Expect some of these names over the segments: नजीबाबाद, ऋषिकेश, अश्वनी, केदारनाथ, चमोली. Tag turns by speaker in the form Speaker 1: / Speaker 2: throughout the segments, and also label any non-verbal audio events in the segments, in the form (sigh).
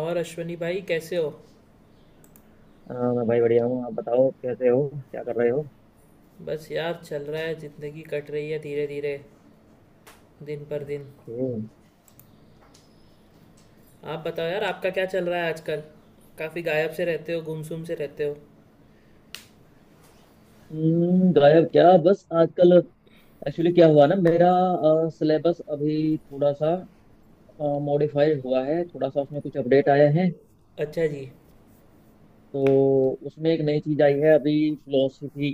Speaker 1: और अश्वनी भाई कैसे हो।
Speaker 2: हाँ मैं भाई बढ़िया हूँ। आप बताओ कैसे हो? क्या कर रहे हो?
Speaker 1: बस यार चल रहा है, ज़िंदगी कट रही है धीरे धीरे दिन पर दिन।
Speaker 2: हम्म,
Speaker 1: आप बताओ यार, आपका क्या चल रहा है आजकल? काफ़ी गायब से रहते हो, गुमसुम से रहते हो।
Speaker 2: हम्म। गायब क्या, बस आजकल एक्चुअली क्या हुआ ना, मेरा सिलेबस अभी थोड़ा सा मॉडिफाई हुआ है, थोड़ा सा उसमें कुछ अपडेट आए हैं।
Speaker 1: अच्छा जी।
Speaker 2: तो उसमें एक नई चीज आई है अभी, फिलोसफी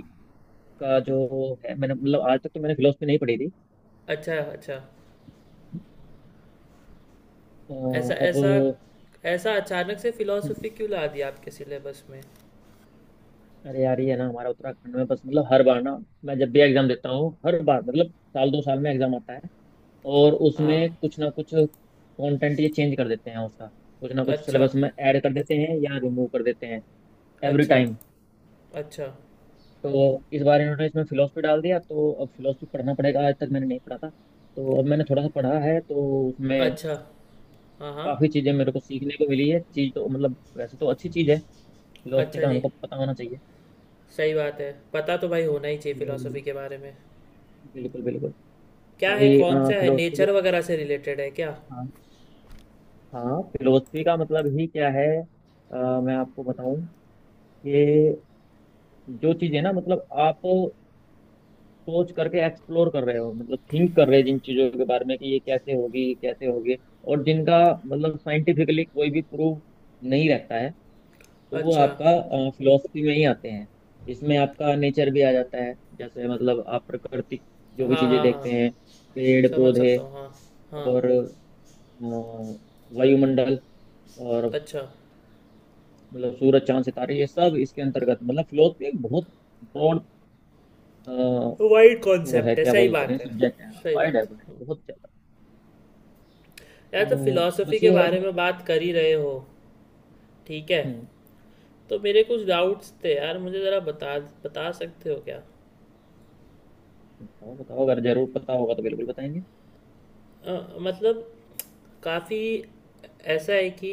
Speaker 2: का जो है, मैंने मतलब आज तक तो मैंने फिलोसफी नहीं पढ़ी थी।
Speaker 1: अच्छा अच्छा।
Speaker 2: अ,
Speaker 1: ऐसा
Speaker 2: अब
Speaker 1: ऐसा। ऐसा अचानक से
Speaker 2: हम्म,
Speaker 1: फिलॉसफी क्यों ला दिया आपके सिलेबस में?
Speaker 2: अरे यार, ये है ना, हमारा उत्तराखंड में बस, मतलब हर बार ना, मैं जब भी एग्जाम देता हूँ हर बार मतलब साल दो साल में एग्जाम आता है, और
Speaker 1: हाँ।
Speaker 2: उसमें कुछ ना कुछ कंटेंट ये चेंज कर देते हैं उसका, कुछ ना कुछ
Speaker 1: अच्छा।
Speaker 2: सिलेबस में ऐड कर देते हैं या रिमूव कर देते हैं एवरी
Speaker 1: अच्छा।
Speaker 2: टाइम।
Speaker 1: अच्छा।
Speaker 2: तो इस बार इन्होंने इसमें फिलोसफी डाल दिया, तो अब फिलोसफी पढ़ना पड़ेगा, आज तक मैंने नहीं पढ़ा था। तो अब मैंने थोड़ा सा पढ़ा है, तो उसमें
Speaker 1: अच्छा। हाँ हाँ।
Speaker 2: काफ़ी चीज़ें मेरे को सीखने को मिली है। चीज़ तो मतलब वैसे तो अच्छी चीज़ है, फिलोसफी
Speaker 1: अच्छा
Speaker 2: का
Speaker 1: जी।
Speaker 2: हमको पता होना चाहिए।
Speaker 1: सही बात है, पता तो भाई होना ही चाहिए फिलॉसफी
Speaker 2: हम्म,
Speaker 1: के बारे में।
Speaker 2: बिल्कुल बिल्कुल।
Speaker 1: क्या है?
Speaker 2: अभी
Speaker 1: कौन सा है,
Speaker 2: फिलोसफी,
Speaker 1: नेचर वगैरह से रिलेटेड है क्या?
Speaker 2: हाँ, हाँ फिलोसफी का मतलब ही क्या है? मैं आपको बताऊं कि जो चीजें ना, मतलब आप सोच करके एक्सप्लोर कर रहे हो, मतलब थिंक कर रहे हो जिन चीजों के बारे में कि ये कैसे होगी ये कैसे होगी, और जिनका मतलब साइंटिफिकली कोई भी प्रूफ नहीं रहता है, तो वो
Speaker 1: अच्छा।
Speaker 2: आपका फिलोसफी में ही आते हैं। इसमें आपका नेचर भी आ जाता है, जैसे मतलब आप प्राकृतिक जो भी
Speaker 1: हाँ
Speaker 2: चीजें
Speaker 1: हाँ हाँ।
Speaker 2: देखते हैं, पेड़
Speaker 1: समझ
Speaker 2: पौधे
Speaker 1: सकता हूँ, हाँ। हाँ।
Speaker 2: और अ, वायुमंडल और
Speaker 1: अच्छा।
Speaker 2: मतलब सूरज चांद सितारे ये सब इसके अंतर्गत, मतलब फिलोसफी एक बहुत ब्रॉड,
Speaker 1: वाइड
Speaker 2: वो है
Speaker 1: कॉन्सेप्ट है,
Speaker 2: क्या
Speaker 1: सही
Speaker 2: बोलते हैं,
Speaker 1: बात है।
Speaker 2: सब्जेक्ट है,
Speaker 1: सही
Speaker 2: वाइड है
Speaker 1: बात
Speaker 2: wide,
Speaker 1: है।
Speaker 2: बहुत ज्यादा।
Speaker 1: यार तो
Speaker 2: तो
Speaker 1: फिलॉसफी
Speaker 2: बस
Speaker 1: के
Speaker 2: ये है
Speaker 1: बारे में
Speaker 2: इसमें।
Speaker 1: बात कर ही रहे हो, ठीक है,
Speaker 2: हम्म।
Speaker 1: तो मेरे कुछ डाउट्स थे यार, मुझे ज़रा बता, बता सकते हो क्या?
Speaker 2: बताओ बताओ, अगर जरूर पता होगा तो बिल्कुल बताएंगे।
Speaker 1: मतलब काफ़ी ऐसा है कि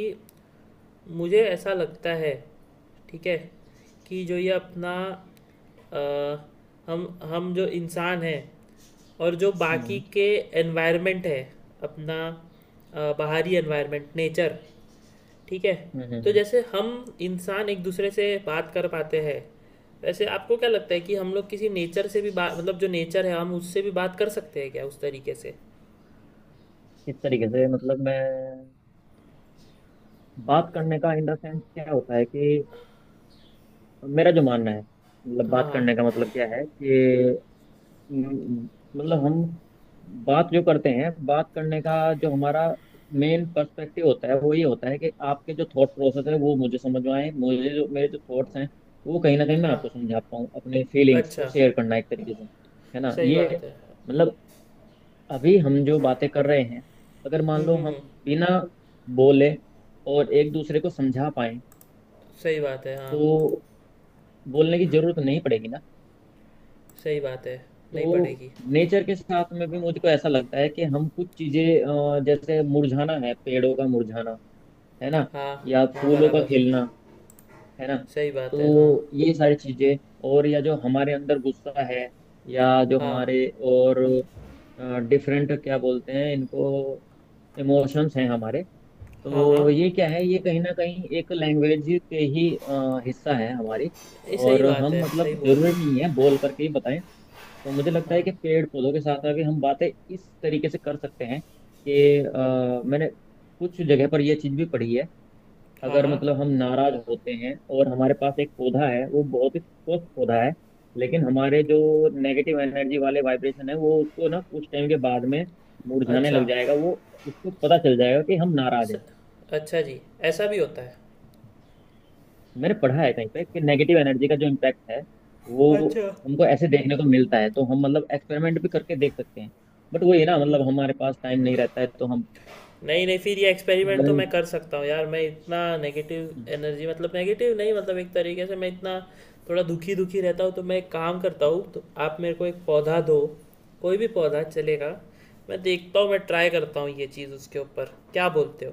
Speaker 1: मुझे ऐसा लगता है, ठीक है, कि जो ये अपना हम हम जो इंसान हैं और जो बाकी
Speaker 2: हम्म
Speaker 1: के एनवायरनमेंट है अपना, बाहरी एनवायरनमेंट नेचर, ठीक है।
Speaker 2: हम्म
Speaker 1: तो
Speaker 2: हम्म,
Speaker 1: जैसे हम इंसान एक दूसरे से बात कर पाते हैं, वैसे आपको क्या लगता है कि हम लोग किसी नेचर से भी बात, मतलब जो नेचर है हम उससे भी बात कर सकते हैं क्या उस तरीके से?
Speaker 2: इस तरीके से मतलब मैं, बात करने का इन द सेंस क्या होता है कि मेरा जो मानना है, मतलब
Speaker 1: हाँ
Speaker 2: बात करने का
Speaker 1: हाँ
Speaker 2: मतलब क्या है कि म- मतलब हम बात जो करते हैं, बात करने का जो हमारा मेन पर्सपेक्टिव होता है वो ये होता है कि आपके जो थॉट प्रोसेस है वो मुझे समझ में आए, मुझे जो, मेरे जो थॉट्स हैं वो कहीं ना कहीं मैं
Speaker 1: हाँ।
Speaker 2: आपको समझा पाऊँ, अपने फीलिंग्स
Speaker 1: अच्छा।
Speaker 2: को शेयर करना एक तरीके से, है ना
Speaker 1: सही
Speaker 2: ये।
Speaker 1: बात है।
Speaker 2: मतलब अभी हम जो बातें कर रहे हैं, अगर मान
Speaker 1: हम्म
Speaker 2: लो
Speaker 1: हम्म
Speaker 2: हम
Speaker 1: हम्म,
Speaker 2: बिना बोले और एक दूसरे को समझा पाए,
Speaker 1: सही बात है हाँ।
Speaker 2: तो बोलने की जरूरत नहीं पड़ेगी ना।
Speaker 1: सही बात है नहीं
Speaker 2: तो
Speaker 1: पड़ेगी।
Speaker 2: नेचर के साथ में भी मुझको ऐसा लगता है कि हम कुछ चीजें, जैसे मुरझाना है, पेड़ों का मुरझाना, है ना,
Speaker 1: हाँ।
Speaker 2: या
Speaker 1: हाँ
Speaker 2: फूलों का
Speaker 1: बराबर।
Speaker 2: खिलना, है ना,
Speaker 1: सही बात है हाँ
Speaker 2: तो ये सारी चीजें, और या जो हमारे अंदर गुस्सा है, या जो
Speaker 1: हाँ
Speaker 2: हमारे, और डिफरेंट क्या बोलते हैं इनको, इमोशंस हैं हमारे,
Speaker 1: हाँ हाँ
Speaker 2: तो ये क्या है, ये कहीं ना कहीं एक लैंग्वेज के ही हिस्सा है हमारी।
Speaker 1: ये सही
Speaker 2: और
Speaker 1: बात
Speaker 2: हम,
Speaker 1: है, सही
Speaker 2: मतलब
Speaker 1: बोल रहे
Speaker 2: जरूरी
Speaker 1: हो।
Speaker 2: नहीं है बोल करके ही बताएं, तो मुझे लगता है
Speaker 1: हाँ
Speaker 2: कि पेड़ पौधों के साथ आगे हम बातें इस तरीके से कर सकते हैं कि मैंने कुछ जगह पर यह चीज भी पढ़ी है,
Speaker 1: हाँ
Speaker 2: अगर
Speaker 1: हाँ।
Speaker 2: मतलब हम नाराज होते हैं और हमारे पास एक पौधा है, वो बहुत ही स्वस्थ पौधा है, लेकिन हमारे जो नेगेटिव एनर्जी वाले वाइब्रेशन है वो उसको ना कुछ टाइम के बाद में मुरझाने
Speaker 1: अच्छा।
Speaker 2: लग जाएगा वो, उसको पता चल जाएगा कि हम नाराज
Speaker 1: स,
Speaker 2: हैं।
Speaker 1: अच्छा जी। ऐसा भी होता है।
Speaker 2: मैंने पढ़ा है कहीं पे कि नेगेटिव एनर्जी का जो इम्पैक्ट है वो
Speaker 1: अच्छा।
Speaker 2: हमको ऐसे देखने को मिलता है, तो हम मतलब एक्सपेरिमेंट भी करके देख सकते हैं। बट वही ना, मतलब हमारे पास टाइम नहीं रहता है, तो हम
Speaker 1: नहीं नहीं, फिर ये एक्सपेरिमेंट तो मैं
Speaker 2: मतलब
Speaker 1: कर सकता हूँ यार। मैं इतना नेगेटिव
Speaker 2: अरे
Speaker 1: एनर्जी, मतलब नेगेटिव नहीं, मतलब एक तरीके से मैं इतना थोड़ा दुखी दुखी रहता हूँ, तो मैं एक काम करता हूँ, तो आप मेरे को एक पौधा दो, कोई भी पौधा चलेगा। मैं देखता हूँ, मैं ट्राई करता हूँ ये चीज़ उसके ऊपर, क्या बोलते हो?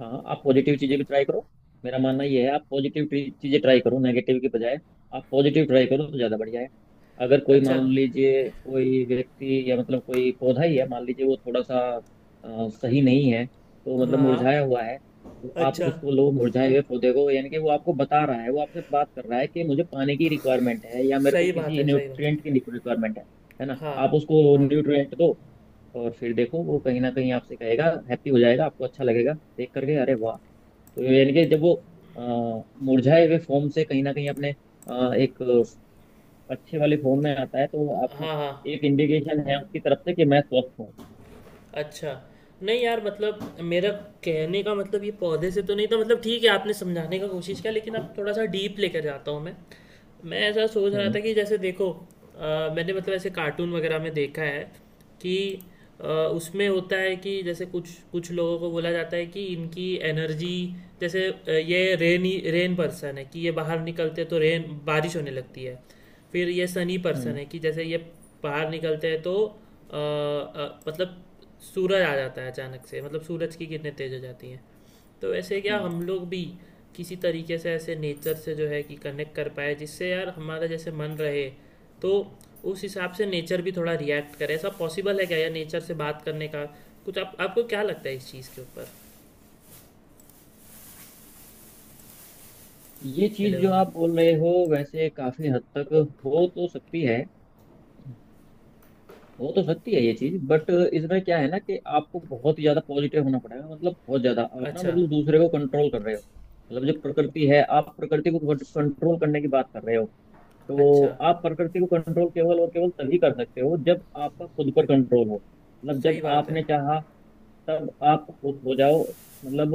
Speaker 2: हाँ, आप पॉजिटिव चीजें भी ट्राई करो, मेरा मानना ये है आप पॉजिटिव चीजें ट्राई करो, नेगेटिव के बजाय आप पॉजिटिव ट्राई करो तो ज्यादा बढ़िया है। अगर कोई
Speaker 1: अच्छा।
Speaker 2: मान लीजिए कोई व्यक्ति या मतलब कोई पौधा ही है मान लीजिए, वो थोड़ा सा सही नहीं है, तो मतलब
Speaker 1: हाँ।
Speaker 2: मुरझाया हुआ है, तो आप
Speaker 1: अच्छा।
Speaker 2: उसको लो मुरझाए हुए पौधे को, यानी कि वो आपको बता रहा है, वो आपसे बात कर रहा है कि मुझे पानी की रिक्वायरमेंट है या मेरे को
Speaker 1: सही बात
Speaker 2: किसी
Speaker 1: है, सही बात है।
Speaker 2: न्यूट्रिएंट की रिक्वायरमेंट है। है ना,
Speaker 1: हाँ
Speaker 2: आप उसको
Speaker 1: हाँ
Speaker 2: न्यूट्रिएंट दो, और फिर देखो वो कहीं ना कहीं आपसे कहेगा, हैप्पी हो जाएगा, आपको अच्छा लगेगा देख करके, अरे वाह। तो यानी कि जब वो मुरझाए हुए फॉर्म से कहीं ना कहीं अपने एक अच्छे वाले फॉर्म में आता है, तो आपको
Speaker 1: हाँ हाँ।
Speaker 2: एक इंडिकेशन है उसकी तरफ से कि मैं स्वस्थ हूँ।
Speaker 1: अच्छा। नहीं यार, मतलब मेरा कहने का मतलब ये पौधे से तो नहीं था, मतलब ठीक है आपने समझाने का कोशिश किया, लेकिन अब थोड़ा सा डीप लेकर जाता हूँ मैं। मैं ऐसा सोच रहा था
Speaker 2: हम्म
Speaker 1: कि जैसे देखो, मैंने मतलब ऐसे कार्टून वगैरह में देखा है, कि उसमें होता है कि जैसे कुछ कुछ लोगों को बोला जाता है कि इनकी एनर्जी, जैसे ये रेनी रेन पर्सन है कि ये बाहर निकलते हैं तो रेन बारिश होने लगती है। फिर ये सनी पर्सन
Speaker 2: हम्म
Speaker 1: है कि जैसे ये बाहर निकलते हैं तो मतलब सूरज आ जाता है अचानक से, मतलब सूरज की किरणें तेज हो जाती हैं। तो ऐसे क्या
Speaker 2: हम्म
Speaker 1: हम लोग भी किसी तरीके से ऐसे नेचर से जो है कि कनेक्ट कर पाए, जिससे यार हमारा जैसे मन रहे, तो उस हिसाब से नेचर भी थोड़ा रिएक्ट करे, ऐसा पॉसिबल है क्या यार नेचर से बात करने का? कुछ, आप आपको क्या लगता है इस चीज़ के ऊपर?
Speaker 2: ये चीज
Speaker 1: हेलो।
Speaker 2: जो आप बोल रहे हो वैसे काफी हद तक हो तो सकती है, हो तो सकती है ये चीज, बट इसमें क्या है ना कि आपको बहुत ही ज्यादा पॉजिटिव होना पड़ेगा, मतलब बहुत ज्यादा आप ना,
Speaker 1: अच्छा।
Speaker 2: मतलब दूसरे को कंट्रोल कर रहे हो, मतलब जो प्रकृति है, आप प्रकृति को कंट्रोल करने की बात कर रहे हो, तो
Speaker 1: अच्छा।
Speaker 2: आप प्रकृति को कंट्रोल केवल और केवल तभी कर सकते हो जब आपका खुद पर कंट्रोल हो। मतलब
Speaker 1: सही
Speaker 2: जब
Speaker 1: बात है।
Speaker 2: आपने चाहा तब आप खुश हो जाओ, मतलब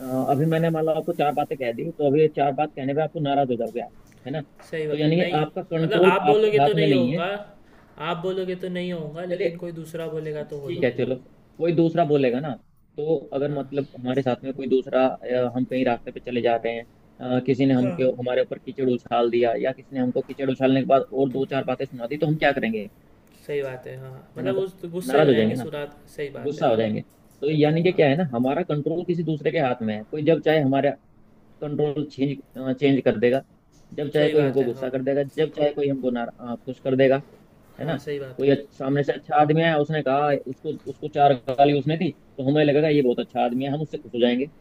Speaker 2: अ, अभी मैंने मान लो आपको चार बातें कह दी, तो अभी ये चार बात कहने पे आपको नाराज हो जाओगे आप, है ना,
Speaker 1: सही
Speaker 2: तो
Speaker 1: बात
Speaker 2: यानी कि
Speaker 1: नहीं?
Speaker 2: आपका
Speaker 1: मतलब
Speaker 2: कंट्रोल
Speaker 1: आप
Speaker 2: आपके
Speaker 1: बोलोगे
Speaker 2: हाथ
Speaker 1: तो
Speaker 2: में
Speaker 1: नहीं
Speaker 2: नहीं है।
Speaker 1: होऊंगा। आप बोलोगे तो नहीं होऊंगा,
Speaker 2: चलिए
Speaker 1: लेकिन कोई दूसरा बोलेगा तो हो
Speaker 2: ठीक है
Speaker 1: जाऊंगा।
Speaker 2: चलो, कोई दूसरा बोलेगा ना, तो अगर
Speaker 1: हाँ
Speaker 2: मतलब हमारे साथ में कोई दूसरा हम कहीं रास्ते पे चले जा रहे हैं, किसी ने
Speaker 1: हाँ
Speaker 2: हमके हमारे ऊपर कीचड़ उछाल दिया, या किसी ने हमको कीचड़ उछालने के बाद और दो चार बातें सुना दी, तो हम क्या करेंगे,
Speaker 1: सही बात है हाँ।
Speaker 2: है ना,
Speaker 1: मतलब उस गुस्से हो
Speaker 2: नाराज हो
Speaker 1: जाएंगे
Speaker 2: जाएंगे ना,
Speaker 1: सुरात, सही बात है
Speaker 2: गुस्सा हो
Speaker 1: हाँ।
Speaker 2: जाएंगे। तो यानी कि
Speaker 1: हाँ
Speaker 2: क्या है ना, हमारा कंट्रोल किसी दूसरे के हाथ में है, कोई जब चाहे हमारा कंट्रोल चेंज चेंज कर देगा, जब चाहे
Speaker 1: सही
Speaker 2: कोई
Speaker 1: बात
Speaker 2: हमको
Speaker 1: है
Speaker 2: गुस्सा
Speaker 1: हाँ।
Speaker 2: कर देगा, जब चाहे कोई हमको ना खुश कर देगा, है
Speaker 1: हाँ
Speaker 2: ना।
Speaker 1: सही बात
Speaker 2: कोई
Speaker 1: है।
Speaker 2: सामने से अच्छा आदमी आया, उसने कहा, उसको उसको चार गाली उसने दी, तो हमें लगेगा ये बहुत अच्छा आदमी है, हम उससे खुश हो जाएंगे,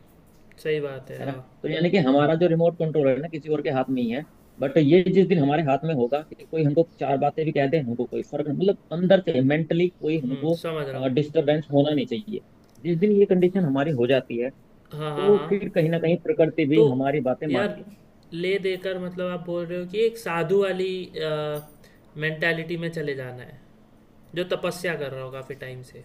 Speaker 1: सही बात है
Speaker 2: है ना।
Speaker 1: हाँ।
Speaker 2: तो यानी कि हमारा जो रिमोट कंट्रोल है ना, किसी और के हाथ में ही है। बट ये जिस दिन हमारे हाथ में होगा कि कोई हमको चार बातें भी कह दे, हमको कोई फर्क नहीं, मतलब अंदर से मेंटली कोई हमको
Speaker 1: समझ रहा हूँ।
Speaker 2: डिस्टरबेंस होना नहीं चाहिए, जिस दिन ये कंडीशन हमारी हो जाती है,
Speaker 1: हाँ हाँ
Speaker 2: तो
Speaker 1: हाँ।
Speaker 2: फिर कहीं ना कहीं प्रकृति भी
Speaker 1: तो
Speaker 2: हमारी बातें
Speaker 1: यार,
Speaker 2: मानती है।
Speaker 1: ले देकर मतलब आप बोल रहे हो कि एक साधु वाली मेंटालिटी में चले जाना है, जो तपस्या कर रहा हो काफ़ी टाइम से।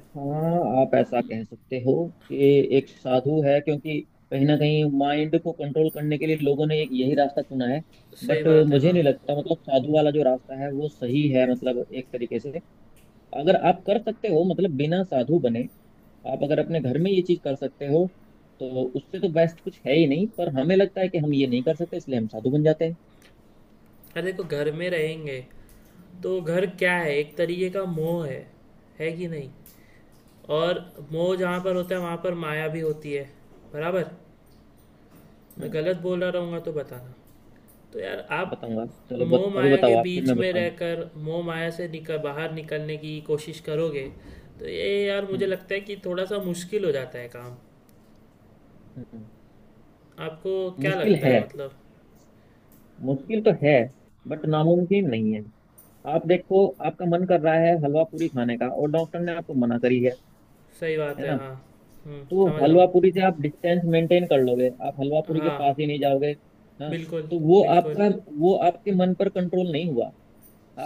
Speaker 2: हाँ आप ऐसा कह सकते हो कि एक साधु है, क्योंकि कहीं ना कहीं माइंड को कंट्रोल करने के लिए लोगों ने एक यही रास्ता चुना है,
Speaker 1: सही
Speaker 2: बट
Speaker 1: बात है
Speaker 2: मुझे
Speaker 1: हाँ।
Speaker 2: नहीं लगता, मतलब साधु वाला जो रास्ता है वो सही है, मतलब एक तरीके से अगर आप कर सकते हो, मतलब बिना साधु बने आप अगर अपने घर में ये चीज कर सकते हो, तो उससे तो बेस्ट कुछ है ही नहीं, पर हमें लगता है कि हम ये नहीं कर सकते इसलिए हम साधु बन जाते हैं।
Speaker 1: अरे देखो घर में रहेंगे तो घर क्या है, एक तरीके का मोह है कि नहीं? और मोह जहाँ पर होता है वहाँ पर माया भी होती है, बराबर। मैं
Speaker 2: हम्म।
Speaker 1: गलत बोल रहा रहूँगा तो बताना। तो यार आप,
Speaker 2: बताऊंगा, चलो
Speaker 1: मोह
Speaker 2: अभी
Speaker 1: माया
Speaker 2: बताओ
Speaker 1: के
Speaker 2: आप फिर
Speaker 1: बीच
Speaker 2: मैं
Speaker 1: में
Speaker 2: बताऊंगा।
Speaker 1: रहकर मोह माया से निकल बाहर निकलने की कोशिश करोगे, तो ये यार मुझे
Speaker 2: हम्म
Speaker 1: लगता है कि थोड़ा सा मुश्किल हो जाता है काम।
Speaker 2: हम्म हम्म,
Speaker 1: आपको क्या
Speaker 2: मुश्किल
Speaker 1: लगता
Speaker 2: है,
Speaker 1: है मतलब?
Speaker 2: मुश्किल तो है, बट नामुमकिन नहीं है। आप देखो, आपका मन कर रहा है हलवा पूरी खाने का और डॉक्टर ने आपको मना करी है
Speaker 1: सही बात
Speaker 2: है
Speaker 1: है
Speaker 2: ना,
Speaker 1: हाँ।
Speaker 2: तो
Speaker 1: समझ रहा
Speaker 2: हलवा पूरी से आप डिस्टेंस मेंटेन कर लोगे, आप हलवा
Speaker 1: हूँ।
Speaker 2: पूरी के
Speaker 1: हाँ
Speaker 2: पास ही नहीं जाओगे। हाँ,
Speaker 1: बिल्कुल
Speaker 2: तो वो
Speaker 1: बिल्कुल।
Speaker 2: आपका, वो आपके मन पर कंट्रोल नहीं हुआ।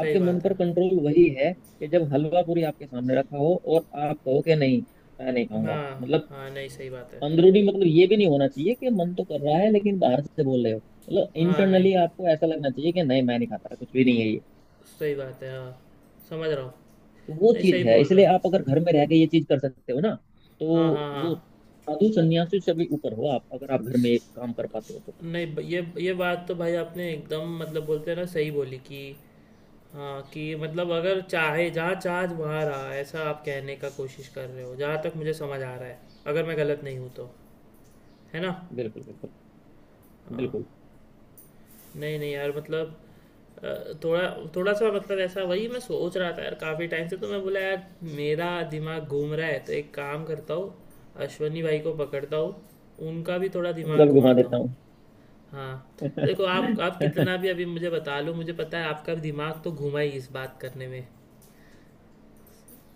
Speaker 1: सही
Speaker 2: आपके मन
Speaker 1: बात
Speaker 2: पर
Speaker 1: है
Speaker 2: कंट्रोल वही है कि जब हलवा पूरी आपके सामने रखा हो और आप कहो कि नहीं मैं नहीं खाऊंगा,
Speaker 1: हाँ।
Speaker 2: मतलब
Speaker 1: हाँ नहीं सही बात है
Speaker 2: अंदरूनी, मतलब ये भी नहीं होना चाहिए कि मन तो कर रहा है लेकिन बाहर से बोल रहे हो, मतलब
Speaker 1: हाँ। नहीं
Speaker 2: इंटरनली आपको ऐसा लगना चाहिए कि नहीं मैं नहीं खाता, कुछ भी नहीं है ये,
Speaker 1: सही बात है हाँ। समझ रहा हूँ।
Speaker 2: तो वो
Speaker 1: नहीं सही
Speaker 2: चीज है।
Speaker 1: बोल रहे
Speaker 2: इसलिए
Speaker 1: हो।
Speaker 2: आप अगर घर में रह के ये चीज कर सकते हो ना, तो
Speaker 1: हाँ हाँ हाँ।
Speaker 2: वो साधु संन्यासी से भी ऊपर हो आप, अगर आप घर में ये काम कर पाते हो तो।
Speaker 1: नहीं, ये बात तो भाई आपने एकदम मतलब बोलते हैं ना, सही बोली, कि हाँ, कि मतलब अगर चाहे जहाँ चाह वहाँ रहा, ऐसा आप कहने का कोशिश कर रहे हो जहाँ तक मुझे समझ आ रहा है, अगर मैं गलत नहीं हूँ तो, है ना?
Speaker 2: बिल्कुल बिल्कुल।
Speaker 1: हाँ।
Speaker 2: बिल्कुल।
Speaker 1: नहीं नहीं यार, मतलब थोड़ा थोड़ा सा मतलब ऐसा, वही मैं सोच रहा था यार काफ़ी टाइम से, तो मैं बोला यार मेरा दिमाग घूम रहा है, तो एक काम करता हूँ, अश्वनी भाई को पकड़ता हूँ, उनका भी थोड़ा दिमाग
Speaker 2: गल घुमा
Speaker 1: घुमाता
Speaker 2: देता
Speaker 1: हूँ।
Speaker 2: हूँ।
Speaker 1: हाँ। देखो
Speaker 2: (laughs)
Speaker 1: आप कितना भी अभी मुझे बता लो, मुझे पता है आपका दिमाग तो घुमा ही इस बात करने में।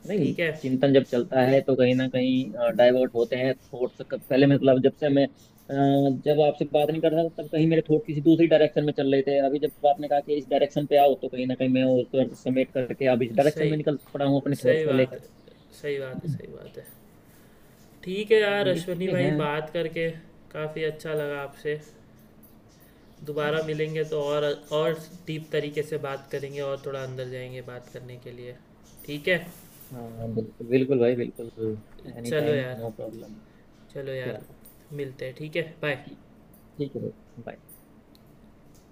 Speaker 2: नहीं,
Speaker 1: ठीक है।
Speaker 2: चिंतन जब चलता है तो कहीं ना कहीं डाइवर्ट होते हैं थॉट्स पहले, मतलब जब से मैं जब आपसे बात नहीं कर रहा था तब कहीं मेरे थॉट किसी दूसरी डायरेक्शन में चल रहे थे, अभी जब आपने कहा कि इस डायरेक्शन पे आओ, तो कहीं ना कहीं मैं उसको समेट करके अब इस डायरेक्शन में
Speaker 1: सही।
Speaker 2: निकल पड़ा हूँ अपने थॉट्स
Speaker 1: सही
Speaker 2: को
Speaker 1: बात है।
Speaker 2: लेकर।
Speaker 1: सही बात है
Speaker 2: हम्म।
Speaker 1: सही बात है। ठीक है
Speaker 2: तो
Speaker 1: यार
Speaker 2: ये
Speaker 1: अश्वनी
Speaker 2: चीजें
Speaker 1: भाई,
Speaker 2: हैं।
Speaker 1: बात करके काफ़ी अच्छा लगा आपसे, दोबारा मिलेंगे तो और डीप तरीके से बात करेंगे, और थोड़ा अंदर जाएंगे बात करने के लिए, ठीक है।
Speaker 2: हाँ बिल्कुल बिल्कुल भाई बिल्कुल, एनी
Speaker 1: चलो
Speaker 2: टाइम,
Speaker 1: यार।
Speaker 2: No problem.
Speaker 1: चलो यार।
Speaker 2: चलो।
Speaker 1: मिलते हैं, ठीक है, बाय।
Speaker 2: ठीक, ठीक है भाई bye।